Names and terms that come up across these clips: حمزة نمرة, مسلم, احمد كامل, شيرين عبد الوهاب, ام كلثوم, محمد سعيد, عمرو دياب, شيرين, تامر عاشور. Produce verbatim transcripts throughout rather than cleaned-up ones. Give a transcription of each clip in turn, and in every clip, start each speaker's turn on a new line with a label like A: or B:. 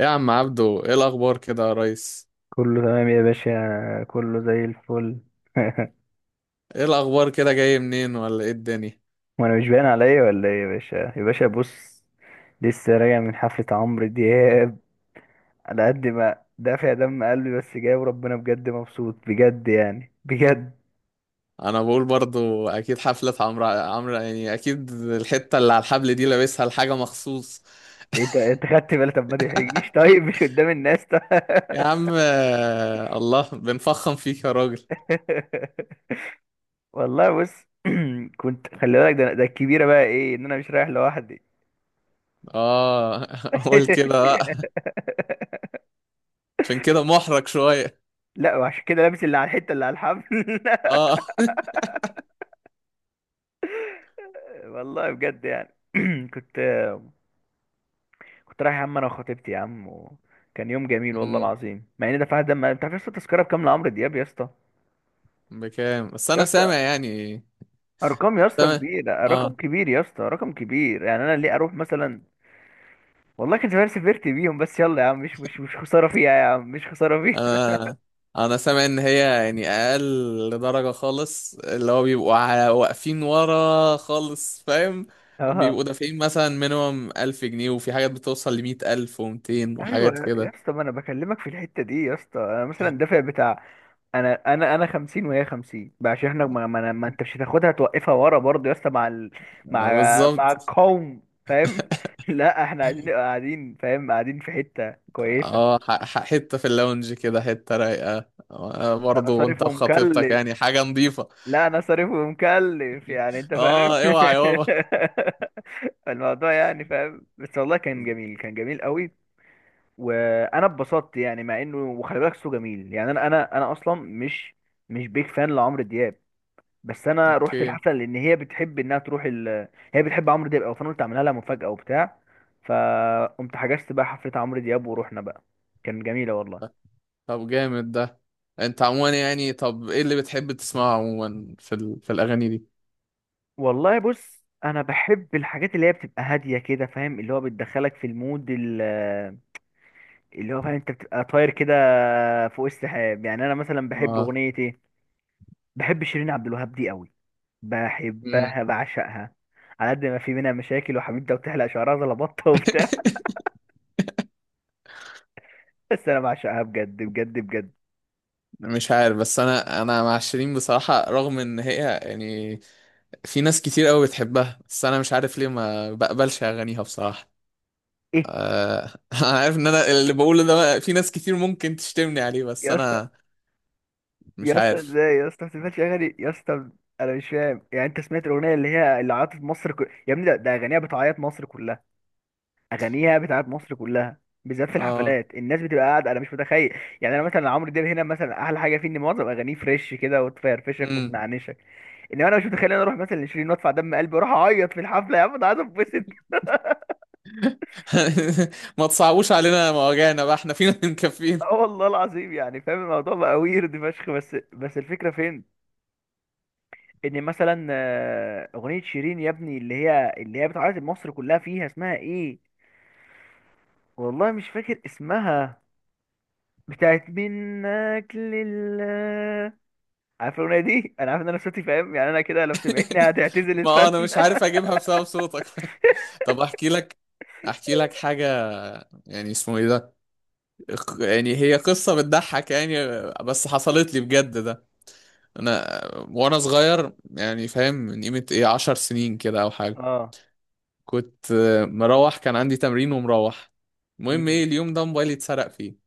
A: إيه يا عم عبدو، ايه الاخبار كده يا ريس؟
B: كله تمام يا باشا، كله زي الفل.
A: ايه الاخبار كده، جاي منين ولا ايه الدنيا؟
B: وانا مش باين عليا ولا ايه يا باشا؟ يا باشا بص، لسه راجع من حفلة عمرو دياب. على قد ما دافع دم قلبي بس جاي، وربنا بجد مبسوط بجد، يعني بجد.
A: انا بقول برضو اكيد حفلة عمرو عمرو يعني اكيد الحتة اللي على الحبل دي لابسها لحاجة مخصوص.
B: انت انت خدت بالك؟ طب ما تحرجنيش طيب، مش قدام الناس طيب.
A: يا عم آه، الله بنفخم فيك يا راجل.
B: والله بص، كنت خلي بالك، ده ده الكبيرة بقى ايه؟ ان انا مش رايح لوحدي.
A: اه، قول كده بقى. عشان كده محرج شوية.
B: لا، وعشان كده لابس اللي على الحتة اللي على الحفل.
A: اه.
B: والله بجد يعني كنت كنت رايح يا عم، انا وخطيبتي يا عم، وكان يوم جميل والله
A: أمم،
B: العظيم. مع اني دفعت دم، انت عارف يا اسطى التذكره بكام لعمرو دياب يا اسطى؟
A: بكام بس
B: يا
A: انا
B: اسطى،
A: سامع يعني.
B: ارقام يا اسطى
A: سامع.
B: كبيره، رقم
A: آه.
B: كبير يا اسطى، رقم كبير. يعني انا ليه اروح مثلا؟ والله كان زمان سافرت بيهم. بس يلا يا عم، مش مش مش خساره فيها يا عم، مش خساره فيها.
A: انا انا سامع ان هي، يعني اقل درجة خالص، اللي هو بيبقوا ع- واقفين ورا خالص، فاهم؟ بيبقوا دافعين مثلا مينيمم ألف جنيه، وفي حاجات بتوصل لمية ألف ومتين
B: ايوه
A: وحاجات
B: يا
A: كده.
B: اسطى، ما انا بكلمك في الحته دي يا اسطى. انا مثلا دافع بتاع، انا انا انا خمسين وهي خمسين بقى، عشان احنا ما, ما, ما انت مش هتاخدها توقفها ورا برضه يا اسطى، مع ال... مع
A: آه،
B: مع
A: بالظبط.
B: القوم، فاهم؟ لا، احنا عايزين نبقى قاعدين، فاهم، قاعدين في حته كويسه.
A: اه، ح- ح- حتة في اللونج كده، حتة رايقة، آه،
B: انا
A: برضه،
B: صارف
A: وانت وخطيبتك
B: ومكلف،
A: يعني حاجة نظيفة.
B: لا انا صارف ومكلف يعني، انت فاهم.
A: اه اوعى يابا.
B: الموضوع يعني فاهم. بس والله كان جميل، كان جميل قوي. وانا اتبسطت يعني، مع انه وخلي بالك صوته جميل يعني. انا انا انا اصلا مش مش بيك فان لعمرو دياب، بس انا رحت
A: اوكي.
B: الحفله لان هي بتحب انها تروح ال... هي بتحب عمرو دياب، او فانا قلت اعملها لها مفاجاه وبتاع. فقمت حجزت بقى حفله عمرو دياب ورحنا بقى. كان جميله والله.
A: طب جامد ده. انت عموما يعني، طب ايه اللي بتحب تسمعه عموما في ال... في الاغاني دي؟
B: والله بص، انا بحب الحاجات اللي هي بتبقى هاديه كده، فاهم، اللي هو بتدخلك في المود ال... اللي هو فاهم، انت بتبقى طاير كده فوق السحاب. يعني انا مثلا بحب
A: آه.
B: اغنيه ايه؟ بحب شيرين عبد الوهاب دي قوي،
A: مم.
B: بحبها بعشقها. على قد ما في منها مشاكل وحبيبتها بتحلق شعرها زي البطه وبتاع، بس انا بعشقها بجد بجد بجد.
A: مش عارف، بس انا انا مع شيرين بصراحة، رغم ان هي يعني في ناس كتير قوي بتحبها، بس انا مش عارف ليه ما بقبلش اغانيها بصراحة.
B: ايه؟
A: أه. انا عارف ان انا اللي بقوله ده في ناس كتير ممكن تشتمني عليه، بس
B: يا اسطى،
A: انا مش
B: يا اسطى
A: عارف.
B: ازاي يا اسطى ما بتسمعش اغاني يا اسطى؟ انا مش فاهم يعني. انت سمعت الاغنيه اللي هي اللي عيطت مصر كل...؟ يا ابني، ده, ده اغانيها بتعيط مصر كلها، اغانيها بتعيط مصر كلها، بالذات في
A: اه.
B: الحفلات الناس بتبقى قاعده، انا مش متخيل. يعني انا مثلا عمرو دياب هنا، مثلا احلى حاجه فيه ان معظم اغانيه فريش كده وتفرفشك
A: امم.
B: وتنعنشك. انما انا مش متخيل إن انا اروح مثلا لشيرين وادفع دم قلبي واروح اعيط في الحفله. يا عم انا عايز اتبسط.
A: ما تصعبوش علينا مواجعنا بقى، احنا فينا مكفين.
B: اه والله العظيم يعني، فاهم الموضوع بقى، ويرد فشخ. بس بس الفكره فين؟ ان مثلا آه، اغنيه شيرين يا ابني، اللي هي اللي هي بتعيط مصر كلها، فيها اسمها ايه؟ والله مش فاكر اسمها. بتاعت منك لله، عارف الاغنيه دي؟ انا عارف ان انا صوتي فاهم يعني، انا كده لو سمعتني هتعتزل
A: ما
B: الفن.
A: انا مش عارف اجيبها بسبب صوتك. طب احكي لك، احكي لك حاجة، يعني اسمه ايه ده، يعني هي قصة بتضحك يعني. بس حصلت لي بجد ده. انا وانا صغير، يعني فاهم، من قيمة ايه عشر سنين كده او حاجة.
B: اه.
A: كنت آه، مروح، كان عندي تمرين ومروح. المهم
B: امم.
A: ايه، اليوم ده موبايلي اتسرق فيه.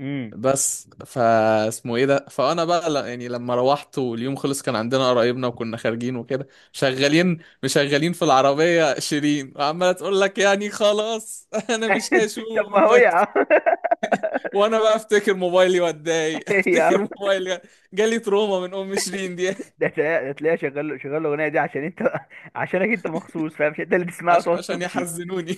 B: امم.
A: بس فاسمه ايه ده، فانا بقى ل- يعني لما روحت واليوم خلص، كان عندنا قرايبنا وكنا خارجين وكده، شغالين مشغلين في العربية شيرين، وعمالة تقول لك يعني خلاص، انا مش
B: طب ما هو يا
A: هشوفك.
B: عم.
A: وانا بقى افتكر موبايلي واتضايق.
B: يا عم،
A: افتكر موبايلي جالي تروما من ام شيرين دي.
B: ده تلاقيها، ده تلاقيها شغال، شغال الاغنيه دي عشان انت، عشانك انت مخصوص، فاهم؟ مش انت اللي تسمعها
A: عشان
B: وتقعد
A: عشان
B: تبكي.
A: يحزنوني.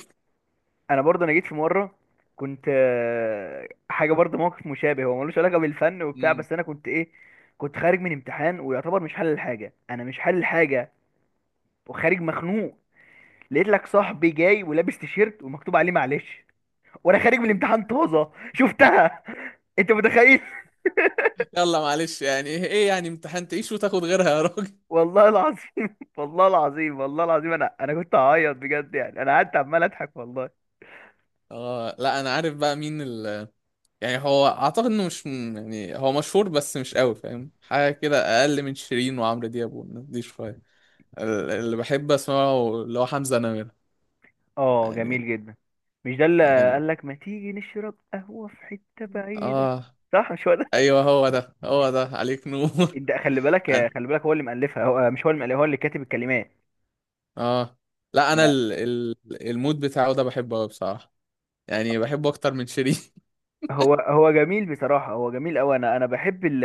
B: انا برضه انا جيت في مره، كنت آه، حاجه برضه موقف مشابه، هو ملوش علاقه بالفن وبتاع،
A: مم.
B: بس انا كنت ايه، كنت خارج من امتحان ويعتبر مش حل الحاجه، انا مش حل الحاجه، وخارج مخنوق. لقيت لك صاحبي جاي ولابس تيشيرت ومكتوب عليه معلش، وانا خارج من الامتحان طازه شفتها. انت متخيل؟
A: يلا معلش، يعني ايه يعني؟ امتحان، تعيش وتاخد غيرها يا راجل.
B: والله العظيم والله العظيم، والله العظيم انا انا كنت هعيط بجد يعني، انا قعدت عمال اضحك والله.
A: اه، لا انا عارف بقى مين ال... يعني هو اعتقد انه مش م- يعني هو مشهور بس مش قوي، فاهم؟ حاجه كده اقل من شيرين وعمرو دياب والناس دي شويه. ال- اللي بحب اسمعه اللي هو حمزة نمرة،
B: اه
A: يعني
B: جميل جدا. مش ده اللي
A: يعني
B: قال لك ما تيجي نشرب قهوة في حتة بعيدة؟
A: اه.
B: صح مش هو ده؟
A: ايوه هو ده هو ده، عليك نور.
B: انت خلي بالك،
A: انا.
B: خلي بالك، هو اللي مؤلفها، هو مش هو اللي مؤلفها، هو اللي كاتب الكلمات.
A: اه، لا انا
B: انا.
A: ال... ال... المود بتاعه ده بحبه قوي بصراحه، يعني بحبه اكتر من شيرين.
B: هو هو جميل بصراحة، هو جميل قوي. انا انا بحب ال...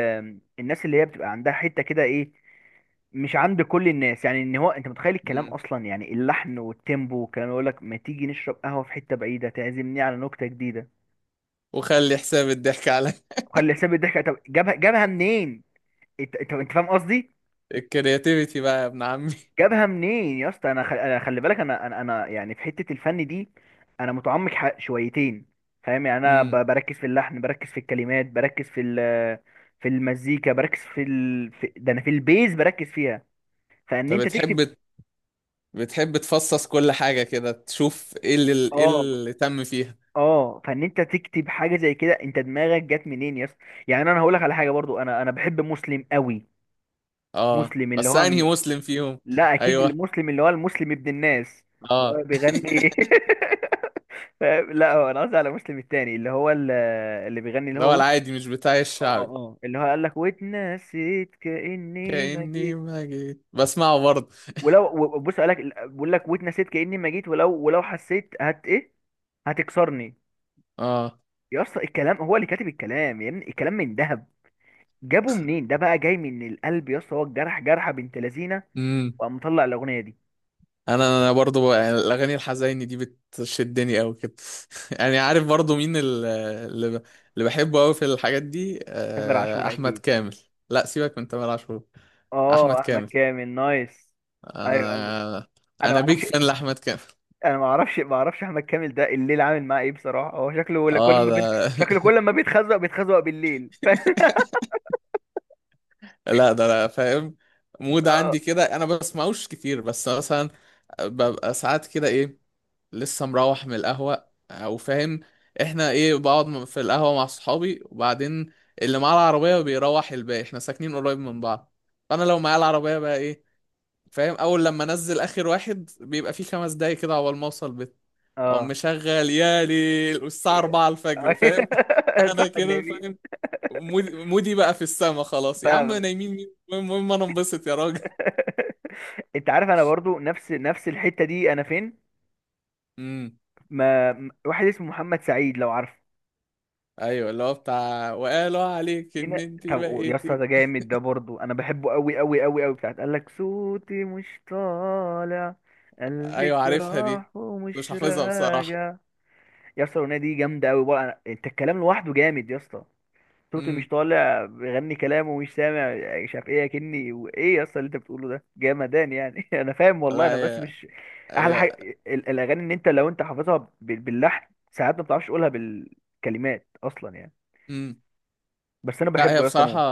B: الناس اللي هي بتبقى عندها حتة كده ايه، مش عند كل الناس يعني. ان هو انت متخيل الكلام
A: مم.
B: اصلا يعني، اللحن والتيمبو والكلام، يقول لك ما تيجي نشرب قهوة في حتة بعيدة تعزمني على نكتة جديدة.
A: وخلي حساب الضحك عليا.
B: خلي حساب الضحكة. طب جابها، جابها منين؟ انت انت انت فاهم قصدي،
A: الكرياتيفيتي بقى يا ابن عمي.
B: جابها منين يا اسطى؟ انا خل... انا خلي بالك، انا انا انا يعني في حته الفن دي انا متعمق ح- شويتين، فاهم يعني. انا
A: امم
B: ب... بركز في اللحن، بركز في الكلمات، بركز في ال... في المزيكا، بركز في ال... في... ده انا في البيز بركز فيها. فان
A: طب
B: انت تكتب.
A: بتحب بتحب تفصص كل حاجه كده، تشوف ايه اللي ايه
B: اه.
A: اللي تم فيها.
B: اه. فان انت تكتب حاجه زي كده، انت دماغك جت منين يا اسطى؟ يعني انا هقول لك على حاجه برضو، انا انا بحب مسلم قوي.
A: اه.
B: مسلم اللي
A: بس
B: هو
A: انهي
B: م-،
A: مسلم فيهم؟
B: لا اكيد
A: ايوه.
B: المسلم اللي هو المسلم ابن الناس، اللي
A: اه.
B: هو بيغني. ف- لا، هو انا قصدي على مسلم التاني اللي هو ال- اللي بيغني اللي
A: اللي هو
B: هو ويت.
A: العادي، مش بتاع
B: اه
A: الشعبي.
B: اه، اللي هو قال لك واتنسيت كاني ما
A: كأني
B: جيت
A: ما جيت، بسمعه برضه.
B: ولو. و- بص، قال لك بقول لك واتنسيت كاني ما جيت ولو، ولو حسيت هت ايه، هتكسرني.
A: اه.
B: يا اسطى الكلام، هو اللي كاتب الكلام يا ابني، الكلام من ذهب، جابه منين ده بقى؟ جاي من القلب يا اسطى، هو الجرح جرحه بنت لذينه، وقام مطلع الاغنيه دي.
A: انا انا برضو بقى- يعني الاغاني الحزيني دي بتشدني قوي كده، يعني عارف برضو مين ال- اللي ب- اللي بحبه قوي في الحاجات دي:
B: تامر
A: آه،
B: عاشور
A: احمد
B: اكيد.
A: كامل. لا سيبك من تامر عاشور.
B: اه
A: احمد
B: احمد
A: كامل.
B: كامل نايس. ايوه ايوه.
A: انا
B: انا ما
A: انا بيك
B: اعرفش،
A: فان لاحمد كامل.
B: انا ما اعرفش ما اعرفش احمد كامل ده الليل عامل معاه ايه بصراحه، هو شكله ولا كل
A: اه
B: ما
A: ده.
B: بيت... شكله كل ما بيتخزق بيتخزق بالليل. ف...
A: لا ده لا فاهم. مود
B: اه.
A: عندي كده، انا بسمعوش كتير بس مثلا ببقى ساعات كده ايه، لسه مروح من القهوة او فاهم. احنا ايه، بقعد م- في القهوة مع صحابي، وبعدين اللي معاه العربية بيروح، الباقي احنا ساكنين قريب من بعض، فانا لو معايا العربية بقى ايه، فاهم؟ اول لما انزل اخر واحد بيبقى فيه خمس دقايق كده عقبال ما اوصل بيت، او
B: اه.
A: مشغل يالي الساعة الرابعة الفجر، فاهم. انا
B: صح
A: كده
B: النبي.
A: فاهم. مودي مودي بقى في السما، خلاص يا عم،
B: فاهمك.
A: نايمين مين؟ المهم، المهم انا انبسط يا راجل.
B: انت عارف انا برضو نفس نفس الحته دي انا فين؟
A: امم.
B: ما م- واحد اسمه محمد سعيد، لو عارفه.
A: ايوه، اللي هو بتاع وقالوا عليك ان
B: هنا.
A: انت
B: طب و- يا اسطى
A: بقيتي.
B: ده جامد، ده برضو انا بحبه قوي قوي قوي قوي، بتاعت قال لك صوتي مش طالع،
A: ايوه
B: قلبك
A: عارفها دي،
B: راح
A: مش
B: ومش
A: حافظها بصراحة.
B: راجع. يا اسطى الاغنيه دي جامده قوي بقى. أنا... انت الكلام لوحده جامد يا اسطى، صوته مش
A: امم
B: طالع، بيغني كلامه ومش سامع يعني، مش عارف ايه اكني وايه، يا اسطى اللي انت بتقوله ده جامدان يعني. انا فاهم والله،
A: لا
B: انا بس مش.
A: هي.
B: احلى
A: هي
B: حاجه ال- الاغاني ان انت لو انت حافظها بال- باللحن، ساعات ما بتعرفش تقولها بالكلمات اصلا يعني.
A: امم
B: بس انا
A: لا هي
B: بحبه يا اسطى
A: بصراحة
B: مو.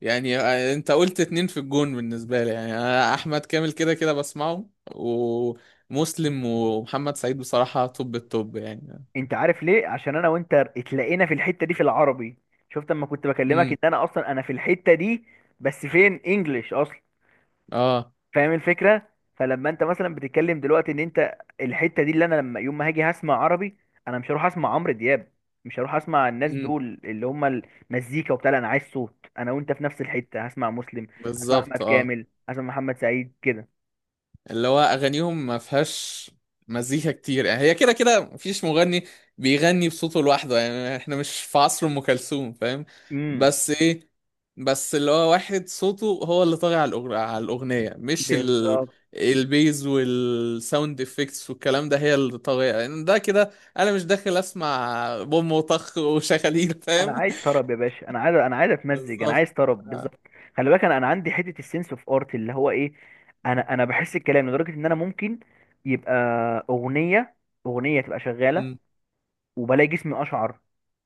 A: يعني، آه، انت قلت اتنين في الجون بالنسبة لي، يعني انا احمد كامل كده كده بسمعه، ومسلم ومحمد سعيد بصراحة توب التوب يعني.
B: انت عارف ليه؟ عشان انا وانت اتلاقينا في الحته دي في العربي. شفت اما كنت بكلمك
A: امم.
B: ان انا اصلا انا في الحته دي، بس فين انجلش اصلا،
A: اه.
B: فاهم الفكره؟ فلما انت مثلا بتتكلم دلوقتي ان انت الحته دي، اللي انا لما يوم ما هاجي هسمع عربي، انا مش هروح اسمع عمرو دياب، مش هروح اسمع الناس
A: امم.
B: دول اللي هم المزيكا وبتاع، لا، انا عايز صوت. انا وانت في نفس الحته، هسمع مسلم، هسمع احمد
A: بالظبط. اه.
B: كامل، هسمع محمد سعيد كده.
A: اللي هو اغانيهم ما فيهاش مزيكا كتير، يعني هي كده كده مفيش مغني بيغني بصوته لوحده، يعني احنا مش في عصر ام كلثوم، فاهم؟
B: امم.
A: بس ايه، بس اللي هو واحد صوته هو اللي طاغي على الأغ- على الاغنيه، مش ال
B: بالظبط.
A: البيز والساوند افكتس والكلام ده هي اللي طاغيه، يعني ده كده، انا مش داخل اسمع بوم وطخ وشغاليل،
B: انا
A: فاهم.
B: عايز طرب يا باشا، انا عايز، انا عايز اتمزج، انا
A: بالظبط.
B: عايز طرب
A: آه.
B: بالظبط. خلي بالك انا، انا عندي حته السنس اوف ارت اللي هو ايه، انا انا بحس الكلام لدرجه ان انا ممكن يبقى اغنيه، اغنيه تبقى شغاله
A: مم.
B: وبلاقي جسمي اشعر،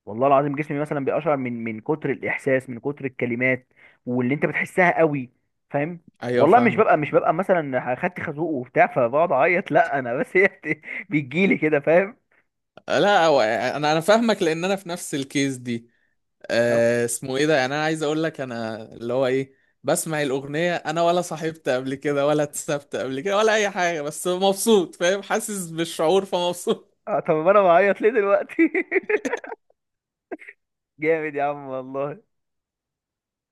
B: والله العظيم جسمي مثلا بيقشعر من من كتر الاحساس، من كتر الكلمات، واللي انت بتحسها قوي، فاهم؟
A: ايوه
B: والله مش ببقى
A: فاهمك.
B: مش ببقى مثلا خدت خازوق وبتاع فبقعد اعيط، لا، انا بس هي بت- بتجيلي كده، فاهم؟
A: لا هو- انا انا فاهمك، لان انا في نفس الكيس دي. آه، اسمه ايه ده، يعني انا عايز اقول لك انا اللي هو ايه، بسمع الاغنيه انا ولا صاحبت قبل كده ولا اتسبت قبل كده ولا اي حاجه، بس مبسوط، فاهم، حاسس بالشعور، فمبسوط.
B: آه، طب انا بعيط ليه دلوقتي؟ جامد يا عم والله.